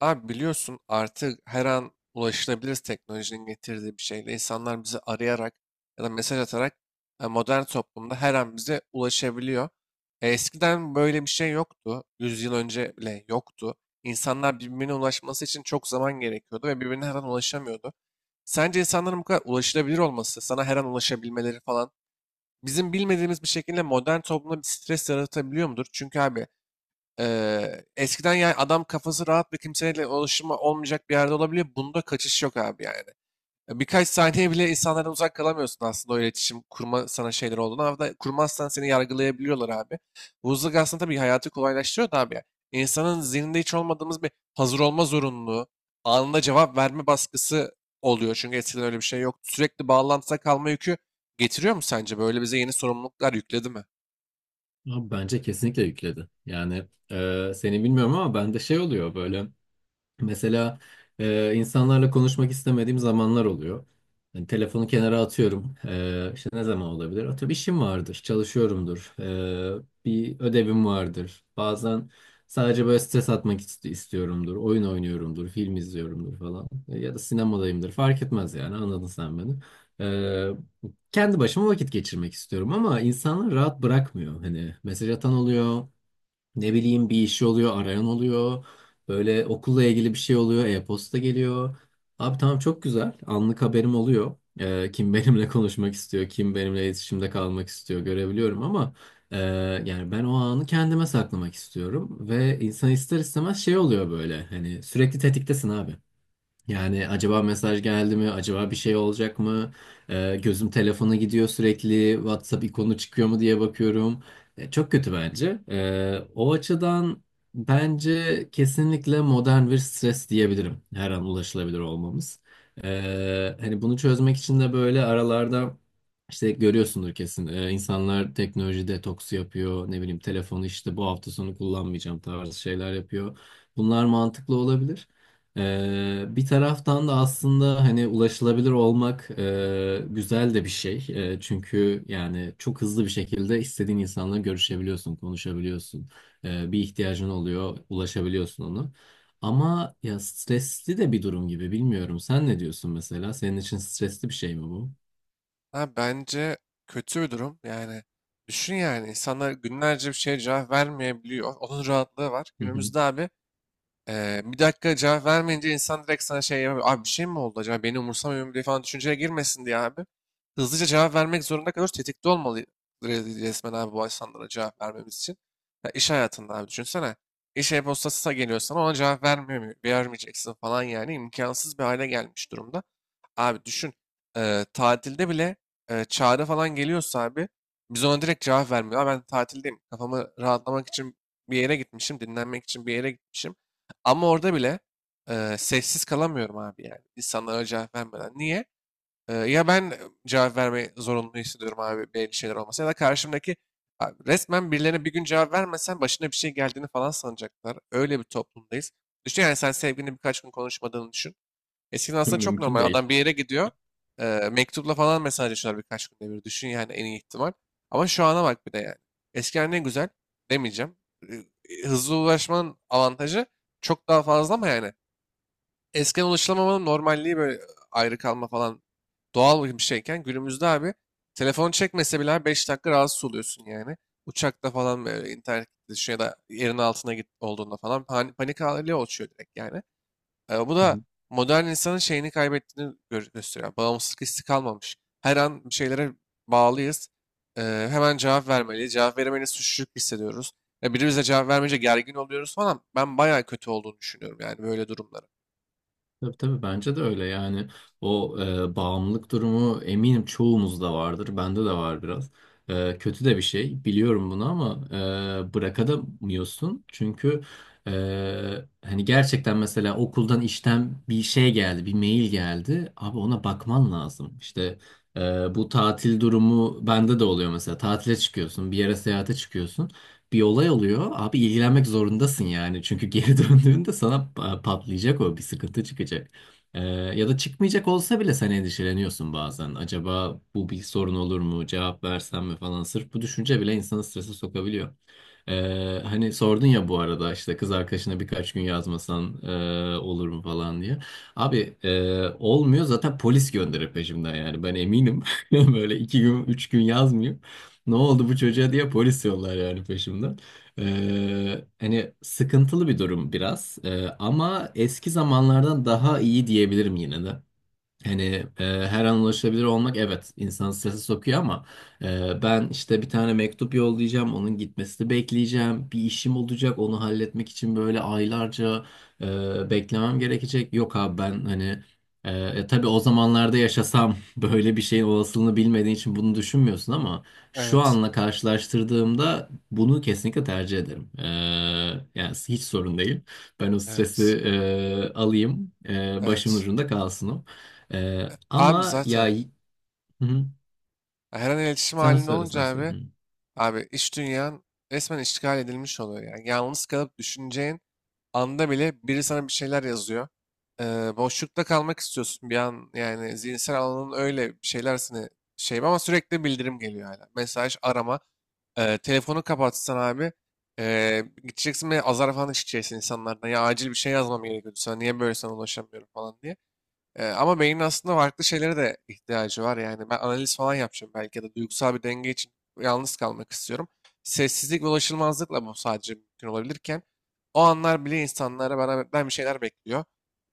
Abi biliyorsun artık her an ulaşılabiliriz teknolojinin getirdiği bir şeyle. İnsanlar bizi arayarak ya da mesaj atarak modern toplumda her an bize ulaşabiliyor. Eskiden böyle bir şey yoktu. 100 yıl önce bile yoktu. İnsanlar birbirine ulaşması için çok zaman gerekiyordu ve birbirine her an ulaşamıyordu. Sence insanların bu kadar ulaşılabilir olması, sana her an ulaşabilmeleri falan bizim bilmediğimiz bir şekilde modern toplumda bir stres yaratabiliyor mudur? Çünkü abi, eskiden yani adam kafası rahat ve kimseyle ulaşımı olmayacak bir yerde olabiliyor. Bunda kaçış yok abi yani. Ya birkaç saniye bile insanlardan uzak kalamıyorsun aslında o iletişim kurma sana şeyler olduğunu. Ama da kurmazsan seni yargılayabiliyorlar abi. Bu hızlık aslında tabii hayatı kolaylaştırıyor da abi, ya. İnsanın zihninde hiç olmadığımız bir hazır olma zorunluluğu, anında cevap verme baskısı oluyor. Çünkü eskiden öyle bir şey yok. Sürekli bağlantıda kalma yükü getiriyor mu sence? Böyle bize yeni sorumluluklar yükledi mi? Abi bence kesinlikle yükledi. Yani seni bilmiyorum ama bende şey oluyor böyle. Mesela insanlarla konuşmak istemediğim zamanlar oluyor. Yani telefonu kenara atıyorum. İşte ne zaman olabilir? Atıyorum, işim vardır, çalışıyorumdur. Bir ödevim vardır. Bazen sadece böyle stres istiyorumdur. Oyun oynuyorumdur, film izliyorumdur falan. Ya da sinemadayımdır. Fark etmez, yani anladın sen beni. Kendi başıma vakit geçirmek istiyorum ama insanlar rahat bırakmıyor. Hani mesaj atan oluyor. Ne bileyim, bir işi oluyor, arayan oluyor. Böyle okulla ilgili bir şey oluyor, e-posta geliyor. Abi tamam, çok güzel. Anlık haberim oluyor. Kim benimle konuşmak istiyor, kim benimle iletişimde kalmak istiyor görebiliyorum ama e, yani ben o anı kendime saklamak istiyorum ve insan ister istemez şey oluyor böyle. Hani sürekli tetiktesin abi. Yani acaba mesaj geldi mi? Acaba bir şey olacak mı? Gözüm telefona gidiyor sürekli. WhatsApp ikonu çıkıyor mu diye bakıyorum. Çok kötü bence. O açıdan bence kesinlikle modern bir stres diyebilirim. Her an ulaşılabilir olmamız. Hani bunu çözmek için de böyle aralarda işte görüyorsundur kesin. İnsanlar teknoloji detoksu yapıyor. Ne bileyim, telefonu işte bu hafta sonu kullanmayacağım tarzı şeyler yapıyor. Bunlar mantıklı olabilir. Bir taraftan da aslında hani ulaşılabilir olmak güzel de bir şey. Çünkü yani çok hızlı bir şekilde istediğin insanla görüşebiliyorsun, konuşabiliyorsun. Bir ihtiyacın oluyor, ulaşabiliyorsun ona. Ama ya stresli de bir durum gibi, bilmiyorum. Sen ne diyorsun mesela? Senin için stresli bir şey mi bu? Ha, bence kötü bir durum. Yani düşün yani insanlar günlerce bir şeye cevap vermeyebiliyor. Onun rahatlığı var. Hı hı. Günümüzde abi 1 dakika cevap vermeyince insan direkt sana şey yapıyor. Abi bir şey mi oldu acaba? Beni umursamıyor mu diye falan düşünceye girmesin diye abi. Hızlıca cevap vermek zorunda kalıyoruz. Tetikte olmalı resmen abi bu insanlara cevap vermemiz için. Ya iş hayatında abi düşünsene. İş e-postası geliyor sana ona cevap vermiyor, vermeyeceksin falan yani imkansız bir hale gelmiş durumda. Abi düşün, tatilde bile, çağrı falan geliyorsa abi biz ona direkt cevap vermiyoruz. "Aa, ben tatildeyim kafamı rahatlamak için bir yere gitmişim dinlenmek için bir yere gitmişim. Ama orada bile sessiz kalamıyorum abi yani insanlara cevap vermeden. Niye? Ya ben cevap vermeyi zorunlu hissediyorum abi belli şeyler olmasa ya da karşımdaki abi resmen birilerine bir gün cevap vermesen başına bir şey geldiğini falan sanacaklar. Öyle bir toplumdayız. Düşün yani sen sevgilini birkaç gün konuşmadığını düşün. Eskiden aslında çok Mümkün normal. değil. Adam bir yere gidiyor. Mektupla falan mesajlaşıyorlar birkaç günde bir. Düşün yani en iyi ihtimal. Ama şu ana bak bir de yani. Eskiden ne güzel demeyeceğim. Hızlı ulaşmanın avantajı çok daha fazla ama yani eskiden ulaşılamamanın normalliği böyle ayrı kalma falan doğal bir şeyken günümüzde abi telefon çekmese bile 5 dakika rahatsız oluyorsun yani. Uçakta falan böyle internet gittiği ya da yerin altına git olduğunda falan panik hali oluşuyor direkt yani. Bu da modern insanın şeyini kaybettiğini gösteriyor. Yani bağımsızlık hissi kalmamış. Her an bir şeylere bağlıyız. E, Hemen cevap vermeliyiz. Cevap veremeyiz suçluluk hissediyoruz. Biri bize cevap vermeyince gergin oluyoruz falan. Ben bayağı kötü olduğunu düşünüyorum yani böyle durumları. Tabii tabii, bence de öyle. Yani o bağımlılık durumu, eminim çoğumuzda vardır, bende de var biraz. Kötü de bir şey, biliyorum bunu, ama bırakamıyorsun, çünkü e, hani gerçekten mesela okuldan, işten bir şey geldi, bir mail geldi, abi ona bakman lazım işte. Bu tatil durumu bende de oluyor mesela. Tatile çıkıyorsun, bir yere seyahate çıkıyorsun, bir olay oluyor. Abi ilgilenmek zorundasın yani. Çünkü geri döndüğünde sana patlayacak o, bir sıkıntı çıkacak. Ya da çıkmayacak olsa bile sen endişeleniyorsun bazen. Acaba bu bir sorun olur mu? Cevap versem mi falan. Sırf bu düşünce bile insanı strese sokabiliyor. Hani sordun ya bu arada, işte kız arkadaşına birkaç gün yazmasan olur mu falan diye. Abi e, olmuyor zaten, polis gönderir peşimden, yani ben eminim. Böyle iki gün, üç gün yazmıyor. Ne oldu bu çocuğa diye polis yollar yani peşimden. Hani sıkıntılı bir durum biraz. Ama eski zamanlardan daha iyi diyebilirim yine de. Hani her an ulaşabilir olmak, evet, insanı strese sokuyor ama ben işte bir tane mektup yollayacağım, onun gitmesini bekleyeceğim, bir işim olacak, onu halletmek için böyle aylarca beklemem gerekecek. Yok abi, ben hani tabii o zamanlarda yaşasam böyle bir şeyin olasılığını bilmediğin için bunu düşünmüyorsun ama şu Evet, anla karşılaştırdığımda bunu kesinlikle tercih ederim. Yani hiç sorun değil. Ben o stresi evet, alayım, başımın evet. ucunda kalsın o. Abi Ama ya. zaten Hı hı. her an iletişim Sen halinde söyle, olunca sen abi, söyle. abi iş dünyan resmen işgal edilmiş oluyor yani. Yalnız kalıp düşüneceğin anda bile biri sana bir şeyler yazıyor. Boşlukta kalmak istiyorsun bir an yani zihinsel alanın öyle bir şeyler seni şey ama sürekli bildirim geliyor hala. Mesaj, arama. Telefonu kapatsan abi gideceksin ve azar falan işleyeceksin insanlardan. Ya acil bir şey yazmam gerekiyordu sana niye böyle sana ulaşamıyorum falan diye. Ama beynin aslında farklı şeylere de ihtiyacı var. Yani ben analiz falan yapacağım belki ya da duygusal bir denge için yalnız kalmak istiyorum. Sessizlik ve ulaşılmazlıkla bu sadece mümkün olabilirken o anlar bile insanlara bana ben bir şeyler bekliyor.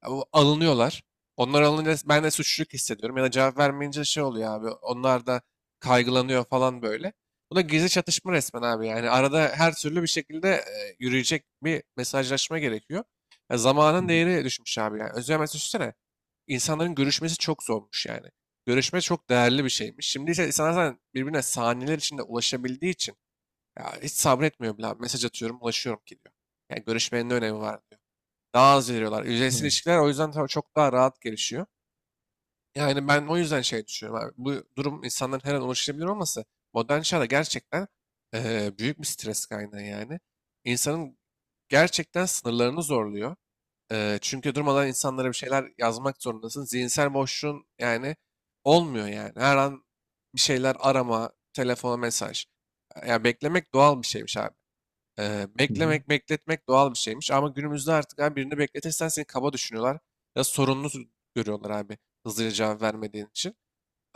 Ya bu alınıyorlar. Onlar alınca ben de suçluluk hissediyorum ya da cevap vermeyince şey oluyor abi. Onlar da kaygılanıyor falan böyle. Bu da gizli çatışma resmen abi. Yani arada her türlü bir şekilde yürüyecek bir mesajlaşma gerekiyor. Ya Hı zamanın hı. değeri düşmüş abi. Yani özel mesaj insanların görüşmesi çok zormuş yani. Görüşme çok değerli bir şeymiş. Şimdi ise insanlar zaten birbirine saniyeler içinde ulaşabildiği için ya hiç sabretmiyor bile abi. Mesaj atıyorum, ulaşıyorum ki diyor. Yani görüşmenin ne önemi var diyor. Daha az veriyorlar. Yüzeysel Tamam. ilişkiler o yüzden tabii çok daha rahat gelişiyor. Yani ben o yüzden şey düşünüyorum abi. Bu durum insanların her an ulaşılabilir olması modern çağda gerçekten büyük bir stres kaynağı yani. İnsanın gerçekten sınırlarını zorluyor. Çünkü durmadan insanlara bir şeyler yazmak zorundasın. Zihinsel boşluğun yani olmuyor yani. Her an bir şeyler arama, telefona mesaj. Ya beklemek doğal bir şeymiş abi. Hı hı. Beklemek, bekletmek doğal bir şeymiş. Ama günümüzde artık abi birini bekletirsen seni kaba düşünüyorlar. Ya sorunlu görüyorlar abi hızlıca cevap vermediğin için.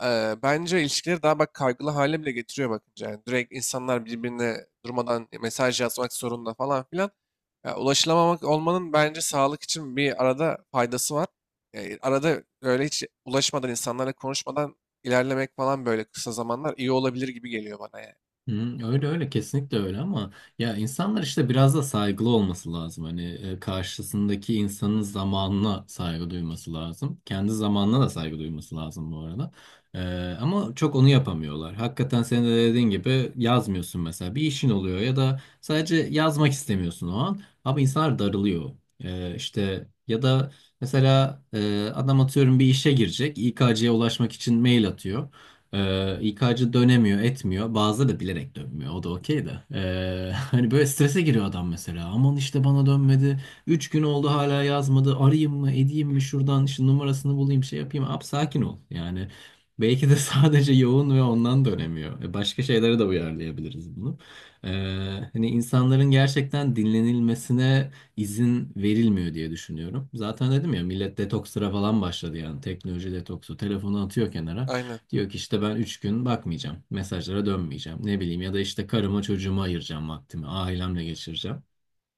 Bence ilişkileri daha bak kaygılı hale bile getiriyor bakınca. Yani direkt insanlar birbirine durmadan mesaj yazmak zorunda falan filan. Ya, ulaşılamamak olmanın bence sağlık için bir arada faydası var. Arada böyle hiç ulaşmadan insanlarla konuşmadan ilerlemek falan böyle kısa zamanlar iyi olabilir gibi geliyor bana yani. Hmm, öyle öyle, kesinlikle öyle, ama ya insanlar işte biraz da saygılı olması lazım. Hani karşısındaki insanın zamanına saygı duyması lazım. Kendi zamanına da saygı duyması lazım bu arada. E, Ama çok onu yapamıyorlar. Hakikaten senin de dediğin gibi, yazmıyorsun mesela, bir işin oluyor ya da sadece yazmak istemiyorsun o an. Ama insanlar darılıyor. İşte ya da mesela adam atıyorum bir işe girecek. İK'ya ulaşmak için mail atıyor. İK'cı dönemiyor, etmiyor. Bazıları da bilerek dönmüyor. O da okey de. Hani böyle strese giriyor adam mesela. Aman işte bana dönmedi. Üç gün oldu hala yazmadı. Arayayım mı, edeyim mi, şuradan işte numarasını bulayım, şey yapayım. Abi sakin ol. Yani belki de sadece yoğun ve ondan dönemiyor. E, başka şeylere de uyarlayabiliriz bunu. Ee, Hani insanların gerçekten dinlenilmesine izin verilmiyor diye düşünüyorum. Zaten dedim ya, millet detokslara falan başladı yani. Teknoloji detoksu. Telefonu atıyor kenara. Aynen. Diyor ki işte, ben 3 gün bakmayacağım, mesajlara dönmeyeceğim. Ne bileyim, ya da işte karıma, çocuğuma ayıracağım vaktimi, ailemle geçireceğim.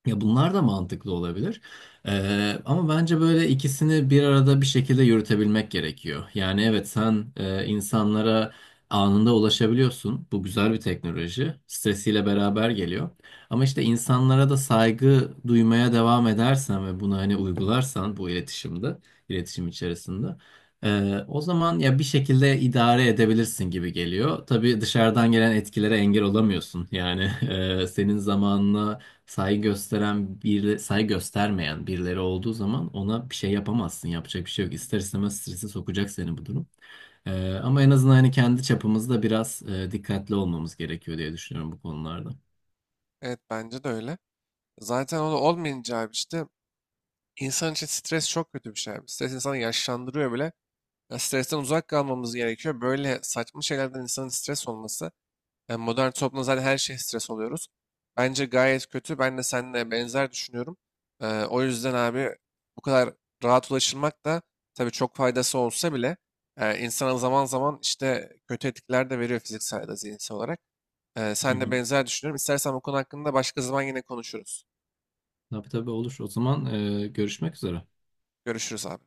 Ya bunlar da mantıklı olabilir. Ama bence böyle ikisini bir arada bir şekilde yürütebilmek gerekiyor. Yani evet, sen insanlara anında ulaşabiliyorsun. Bu güzel bir teknoloji. Stresiyle beraber geliyor. Ama işte insanlara da saygı duymaya devam edersen ve bunu hani uygularsan bu iletişimde, iletişim içerisinde, o zaman ya bir şekilde idare edebilirsin gibi geliyor. Tabii dışarıdan gelen etkilere engel olamıyorsun. Yani senin zamanına saygı gösteren, bir saygı göstermeyen birileri olduğu zaman ona bir şey yapamazsın. Yapacak bir şey yok. İster istemez strese sokacak seni bu durum. Ama en azından hani kendi çapımızda biraz dikkatli olmamız gerekiyor diye düşünüyorum bu konularda. Evet, bence de öyle. Zaten o da olmayınca abi işte insan için stres çok kötü bir şey abi. Stres insanı yaşlandırıyor bile. Ya, stresten uzak kalmamız gerekiyor. Böyle saçma şeylerden insanın stres olması, yani modern toplumda zaten her şey stres oluyoruz. Bence gayet kötü. Ben de seninle benzer düşünüyorum. O yüzden abi bu kadar rahat ulaşılmak da tabii çok faydası olsa bile insana zaman zaman işte kötü etkiler de veriyor fiziksel ya da zihinsel olarak. Hı Sen de hı. benzer düşünüyorum. İstersen bu konu hakkında başka zaman yine konuşuruz. Tabii tabii, olur. O zaman görüşmek üzere. Görüşürüz abi.